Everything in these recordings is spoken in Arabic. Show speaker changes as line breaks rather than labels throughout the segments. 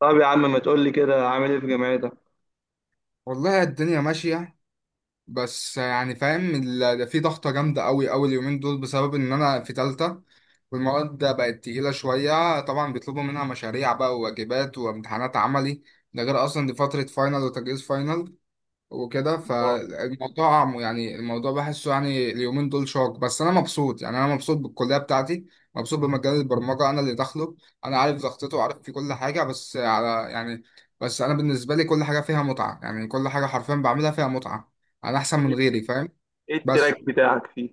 طب يا عم ما تقول لي كده عامل ايه في جامعتك؟
والله الدنيا ماشية. بس يعني فاهم، ده في ضغطة جامدة أوي أوي اليومين دول بسبب إن أنا في تالتة. والمواد بقت تقيلة شوية، طبعا بيطلبوا منها مشاريع بقى وواجبات وامتحانات عملي. ده غير أصلا دي فترة فاينل وتجهيز فاينل. وكده
اه.
يعني الموضوع بحسه يعني اليومين دول شاق. بس انا مبسوط، يعني انا مبسوط بالكليه بتاعتي. مبسوط بمجال البرمجه انا اللي داخله. انا عارف ضغطته وعارف في كل حاجه. بس على يعني بس انا بالنسبه لي كل حاجه فيها متعه، يعني كل حاجه حرفيا بعملها فيها متعه. انا احسن من غيري فاهم.
ايه
بس
التراك بتاعك فيه؟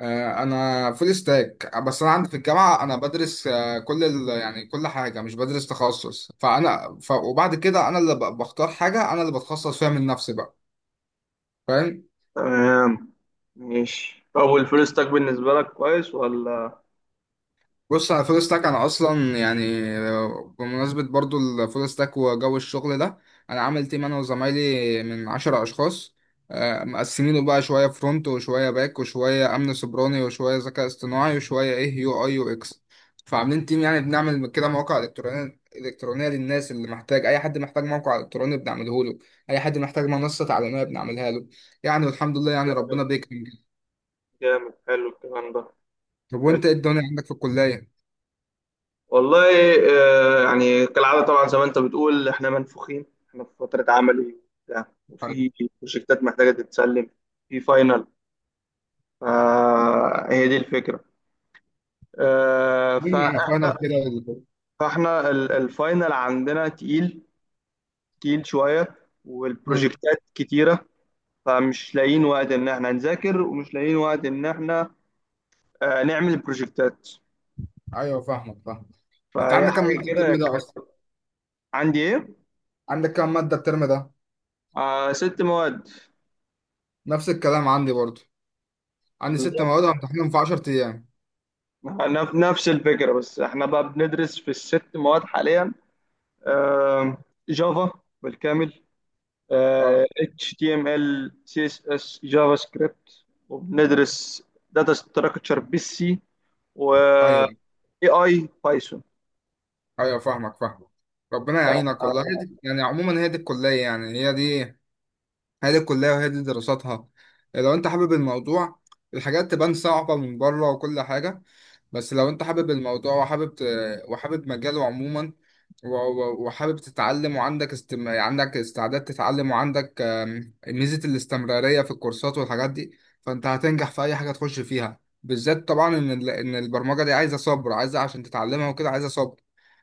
انا فول ستاك. بس انا عندي في الجامعه انا بدرس، كل يعني كل حاجه مش بدرس تخصص. وبعد كده انا اللي بختار حاجه، انا اللي بتخصص فيها من نفسي بقى. فاهم.
تمام، ماشي. طب والفلوس تاك بالنسبة لك كويس ولا؟
بص، على فول ستاك انا اصلا يعني بمناسبه برضو الفول ستاك وجو الشغل ده، انا عامل تيم انا وزمايلي من 10 اشخاص. مقسمينه بقى شويه فرونت وشويه باك وشويه امن سيبراني وشويه ذكاء اصطناعي وشويه ايه يو اي يو اكس. فعاملين تيم، يعني بنعمل كده مواقع الكترونيه الكترونيه للناس اللي محتاج. اي حد محتاج موقع الكتروني بنعمله له، اي حد محتاج منصه تعليميه بنعملها له. يعني والحمد لله يعني
جامد،
ربنا بيكرم.
جامد، حلو الكلام ده.
طب
حلو،
وانت ايه الدنيا عندك في الكليه؟
والله. آه يعني كالعادة طبعا، زي ما انت بتقول احنا منفوخين، احنا في فترة عملي وبتاع
طيب.
وفي بروجكتات محتاجة تتسلم، في فاينل، فهي دي الفكرة. آه ف-
مين عرفنا كده.
الفاينل عندنا تقيل، تقيل شوية،
امم.
والبروجكتات كتيرة. فمش لاقيين وقت إن إحنا نذاكر ومش لاقيين وقت إن إحنا نعمل بروجكتات.
ايوه فاهمك فاهم. انت
فهي
عندك كام
حاجة
ماده
كده
الترم ده
كان.
اصلا؟
عندي إيه؟
عندك كام ماده الترم ده؟
آه، ست مواد.
نفس الكلام عندي برضو، عندي ست
بالظبط،
مواد همتحنهم في 10 ايام.
نفس الفكرة، بس إحنا بقى بندرس في الست مواد حاليا. آه، جافا بالكامل، آه
اه.
HTML CSS جافا سكريبت، وبندرس داتا ستراكشر بالسي و
ايوه
AI بايثون.
ايوه فاهمك فاهمك. ربنا يعينك والله. هي دي يعني عموما هي دي الكليه، يعني هي دي الكلية وهي دي دراساتها. لو انت حابب الموضوع، الحاجات تبان صعبة من بره وكل حاجة. بس لو انت حابب الموضوع وحابب مجاله عموما، وحابب تتعلم وعندك عندك استعداد تتعلم، وعندك ميزة الاستمرارية في الكورسات والحاجات دي، فانت هتنجح في اي حاجة تخش فيها. بالذات طبعا ان البرمجة دي عايزة صبر، عايزة عشان تتعلمها وكده عايزة صبر.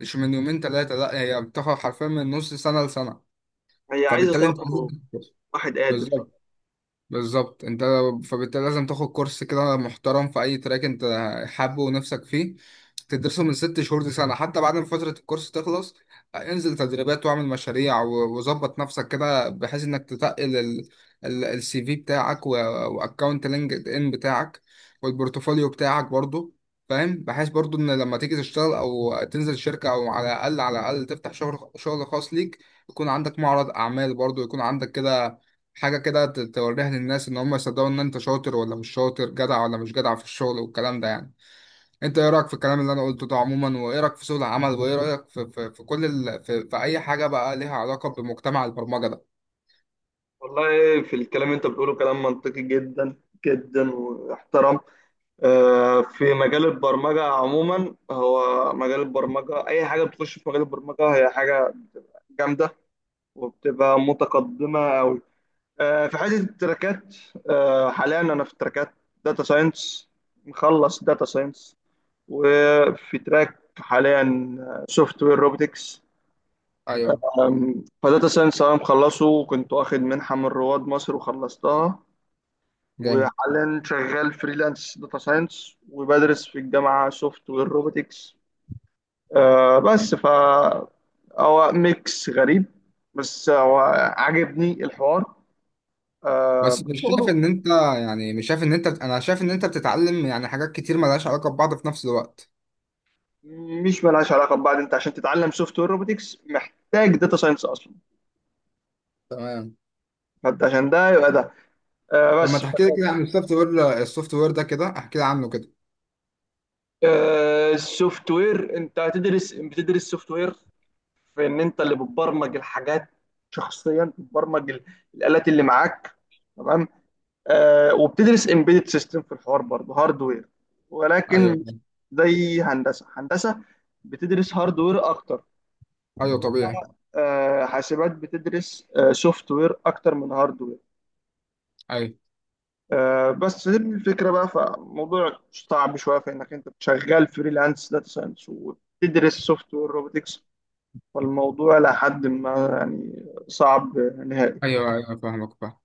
مش من يومين ثلاثة، لا، هي بتاخد حرفيا من نص سنة لسنة.
هي عايزة
فبالتالي انت
صبر،
لازم- تدرس.
وواحد قادر.
بالظبط بالظبط انت. فبالتالي لازم تاخد كورس كده محترم في اي تراك انت حابه ونفسك فيه، تدرسه من 6 شهور لسنة، حتى بعد ما فترة الكورس تخلص انزل تدريبات واعمل مشاريع وظبط نفسك كده بحيث انك تتقل السي في بتاعك، واكونت لينكد ان بتاعك، والبورتفوليو بتاعك برضو. فاهم. بحيث برضو ان لما تيجي تشتغل او تنزل شركة، او على الاقل على الاقل تفتح شغل شغل خاص ليك، يكون عندك معرض اعمال برضو، يكون عندك كده حاجة كده توريها للناس إن هم يصدقوا إن أنت شاطر ولا مش شاطر، جدع ولا مش جدع في الشغل والكلام ده يعني. أنت إيه رأيك في الكلام اللي أنا قلته ده عموما؟ وإيه رأيك في سوق العمل؟ وإيه رأيك في كل ال... في, في أي حاجة بقى ليها علاقة بمجتمع البرمجة ده؟
والله، في الكلام اللي انت بتقوله كلام منطقي جدا جدا واحترام. آه، في مجال البرمجة عموما، هو مجال البرمجة أي حاجة بتخش في مجال البرمجة هي حاجة بتبقى جامدة وبتبقى متقدمة أوي. آه، في حتة التراكات، آه، حاليا أنا في تراكات داتا ساينس، مخلص داتا ساينس، وفي تراك حاليا سوفت وير روبوتكس.
أيوه.
فداتا ساينس انا مخلصه، وكنت واخد منحه من رواد مصر وخلصتها،
جامد.
وحاليا شغال فريلانس داتا ساينس وبدرس في الجامعه سوفت وير روبوتكس. أه بس ف هو ميكس غريب، بس هو عاجبني الحوار، أه
بس مش شايف
شغله.
إن أنت، أنا شايف إن أنت بتتعلم يعني حاجات كتير ملهاش علاقة ببعض في نفس الوقت.
مش ملهاش علاقه ببعض، انت عشان تتعلم سوفت وير روبوتكس محتاج داتا ساينس اصلا.
تمام.
فانت عشان ده يبقى ده. أه
طب ما
بس.
تحكي لي كده عن السوفت وير ده، كده احكي لي عنه كده.
السوفت وير انت هتدرس، بتدرس سوفت وير، في ان انت اللي بتبرمج الحاجات شخصيا، بتبرمج الالات اللي معاك. تمام. آه، وبتدرس امبيدد سيستم في الحوار برضه، هاردوير، ولكن
أيوه.
مش زي هندسه هندسه بتدرس هاردوير اكتر.
أيوه طبيعي.
آه، حاسبات بتدرس سوفت وير اكتر من هاردوير.
أيوه.
آه، بس هي الفكرة بقى. فموضوع صعب شوية في إنك أنت شغال فريلانس داتا ساينس وتدرس سوفت وير روبوتكس، فالموضوع لحد ما يعني صعب نهائي.
أيوه. أيوه فاهمك فاهم.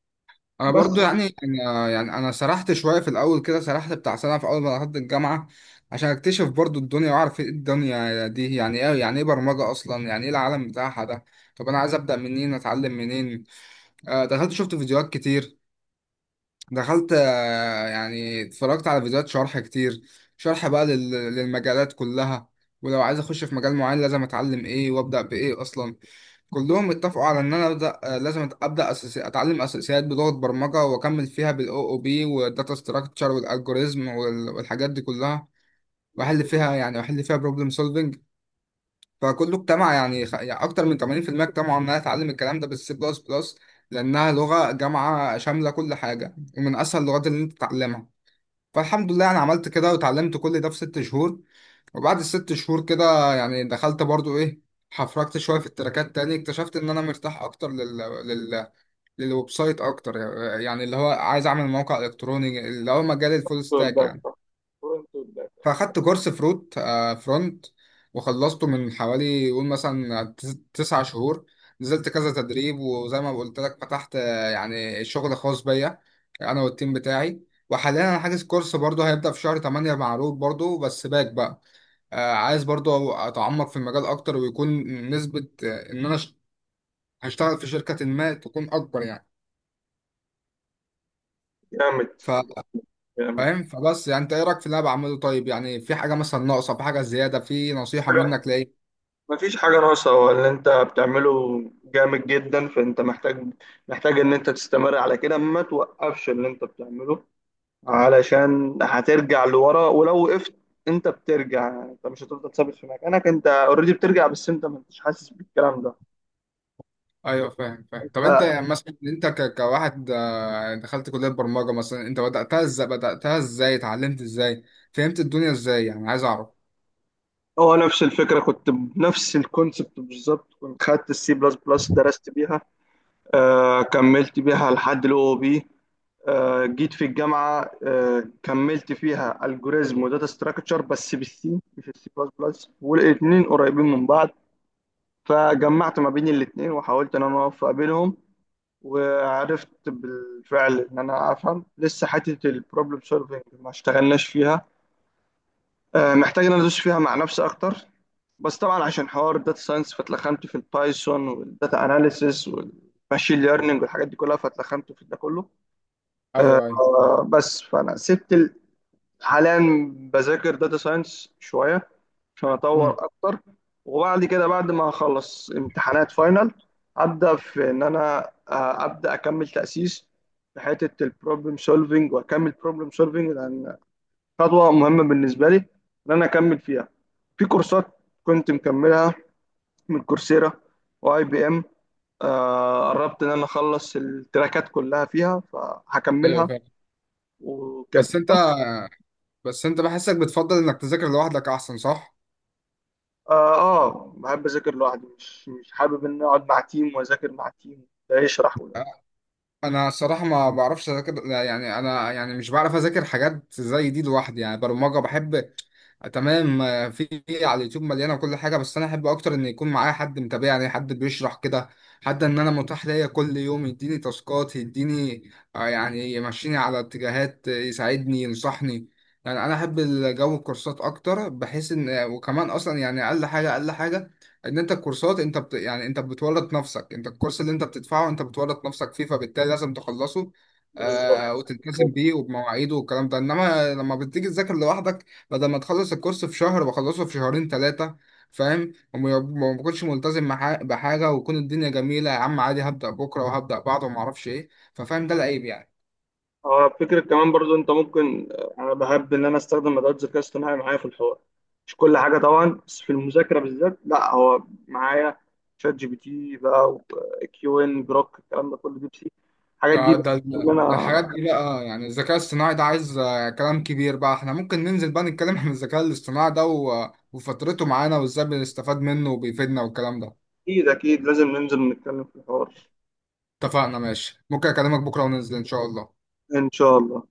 انا
بس،
برضو يعني انا يعني انا سرحت شويه في الاول كده، سرحت بتاع سنه في اول ما دخلت الجامعه، عشان اكتشف برضو الدنيا واعرف ايه الدنيا دي، يعني ايه، يعني ايه برمجه اصلا، يعني ايه العالم بتاعها ده. طب انا عايز ابدا منين، اتعلم منين؟ دخلت شفت فيديوهات كتير. دخلت يعني اتفرجت على فيديوهات شرح كتير، شرح بقى للمجالات كلها. ولو عايز اخش في مجال معين لازم اتعلم ايه وابدا بايه اصلا. كلهم اتفقوا على ان انا ابدا، لازم ابدا اتعلم اساسيات بلغه برمجه، واكمل فيها بالاو او بي والداتا ستراكشر والالجوريزم والحاجات دي كلها، واحل فيها يعني، واحل فيها بروبلم سولفنج. فكله اجتمع يعني، اكتر من 80% اجتمعوا ان انا اتعلم الكلام ده بالسي بلس بلس، لانها لغه جامعه شامله كل حاجه ومن اسهل اللغات اللي انت تتعلمها. فالحمد لله انا عملت كده وتعلمت كل ده في 6 شهور. وبعد الست شهور كده يعني دخلت برضو ايه، حفركت شويه في التراكات تاني، اكتشفت ان انا مرتاح اكتر لل... للويب سايت اكتر. يعني اللي هو عايز اعمل موقع الكتروني، اللي هو مجال الفول ستاك
والباك.
يعني.
فرونت والباك.
فاخدت كورس فروت آه فرونت، وخلصته من حوالي قول مثلا 9 شهور. نزلت كذا تدريب، وزي ما قلت لك فتحت يعني شغل خاص بيا انا والتيم بتاعي. وحاليا انا حاجز كورس برضه هيبدأ في شهر 8 مع روت برضه بس باك بقى. عايز برضو اتعمق في المجال اكتر، ويكون نسبة ان انا هشتغل في شركة ما تكون اكبر يعني.
جامد،
ف-
جامد.
فاهم. فبس يعني انت ايه رايك في اللي انا بعمله؟ طيب يعني في حاجة مثلا ناقصة، في حاجة زيادة، في نصيحة
حاجة-
منك لايه؟
مفيش حاجة ناقصة، هو اللي أنت بتعمله جامد جدا، فأنت محتاج، محتاج إن أنت تستمر على كده، ما توقفش اللي أنت بتعمله علشان هترجع لورا ولو وقفت. انت بترجع، انت مش هتفضل ثابت في مكانك، انت اوريدي بترجع بس انت ما انتش حاسس بالكلام ده.
ايوه فاهم فاهم. طب انت
ف-
يعني مثلا انت كواحد دخلت كلية برمجة مثلا، انت بدأتها ازاي، بدأتها ازاي اتعلمت ازاي فهمت الدنيا ازاي؟ يعني عايز اعرف.
هو نفس الفكره، كنت بنفس الكونسبت بالظبط. كنت خدت السي بلس بلس، درست بيها، آه كملت بيها لحد الاو بي، آه جيت في الجامعه، آه كملت فيها الجوريزم وداتا ستراكشر بس بالسي مش السي بلس بلس، والاثنين قريبين من بعض، فجمعت ما بين الاثنين وحاولت ان انا اوفق بينهم. وعرفت بالفعل ان انا افهم لسه حته البروبلم سولفنج ما اشتغلناش فيها. آه، محتاج ان انا ادوس فيها مع نفسي اكتر. بس طبعا عشان حوار الداتا ساينس فاتلخمت في البايثون والداتا اناليسيس والماشين ليرنينج والحاجات دي كلها، فاتلخمت في ده كله.
ايوه ايوه.
آه، بس فانا سبت ال- حاليا بذاكر داتا ساينس شويه عشان اطور
مم.
اكتر. وبعد كده، بعد ما اخلص امتحانات فاينل، ابدا في ان انا ابدا اكمل تاسيس في حته البروبلم سولفنج، واكمل بروبلم سولفنج لان خطوه مهمه بالنسبه لي ان انا اكمل فيها. في كورسات كنت مكملها من كورسيرا واي بي ام، آه، قربت ان انا اخلص التراكات كلها فيها،
ايوه
فهكملها.
فاهم.
وكده
بس انت
بس.
بس انت بحسك بتفضل انك تذاكر لوحدك احسن، صح؟
اه. آه، بحب اذاكر لوحدي، مش حابب ان أنا اقعد مع تيم واذاكر مع تيم ده يشرح وده.
انا الصراحه ما بعرفش اذاكر، يعني انا يعني مش بعرف اذاكر حاجات زي دي لوحدي. يعني برمجه بحب. تمام. في على اليوتيوب مليانه وكل حاجه، بس انا احب اكتر ان يكون معايا حد متابعني، حد بيشرح كده، حد ان انا متاح ليا كل يوم يديني تاسكات يديني، يعني يمشيني على اتجاهات، يساعدني ينصحني. يعني انا احب الجو الكورسات اكتر، بحيث ان وكمان اصلا يعني اقل حاجه اقل حاجه، ان انت الكورسات يعني انت بتورط نفسك، انت الكورس اللي انت بتدفعه انت بتورط نفسك فيه، فبالتالي لازم تخلصه
بالظبط.
وتلتزم
بالظبط.
بيه وبمواعيده والكلام ده. انما لما بتيجي تذاكر لوحدك، بدل ما تخلص الكورس في شهر بخلصه في شهرين ثلاثة. فاهم. وما بكونش ملتزم مع بحاجة، ويكون الدنيا جميلة يا عم عادي هبدأ بكرة وهبدأ بعده وما اعرفش ايه. ففاهم ده العيب يعني.
اه، فكرة كمان برضو انت ممكن، آه، انا بحب ان انا استخدم ادوات الذكاء الاصطناعي معايا في الحوار. مش كل حاجة طبعا، بس في المذاكرة بالذات لا، هو معايا شات جي بي تي بقى، وكيو ان، جروك، الكلام ده كله، ديب سي، الحاجات دي
ده
بقى
ده ده
اللي
ده الحاجات
انا.
دي بقى، يعني الذكاء الاصطناعي ده عايز كلام كبير بقى. احنا ممكن ننزل بقى نتكلم عن الذكاء الاصطناعي ده وفترته معانا وازاي بنستفاد منه وبيفيدنا والكلام ده.
اكيد اكيد، لازم ننزل نتكلم في الحوار.
اتفقنا ماشي. ممكن اكلمك بكرة وننزل ان شاء الله.
ان شاء الله.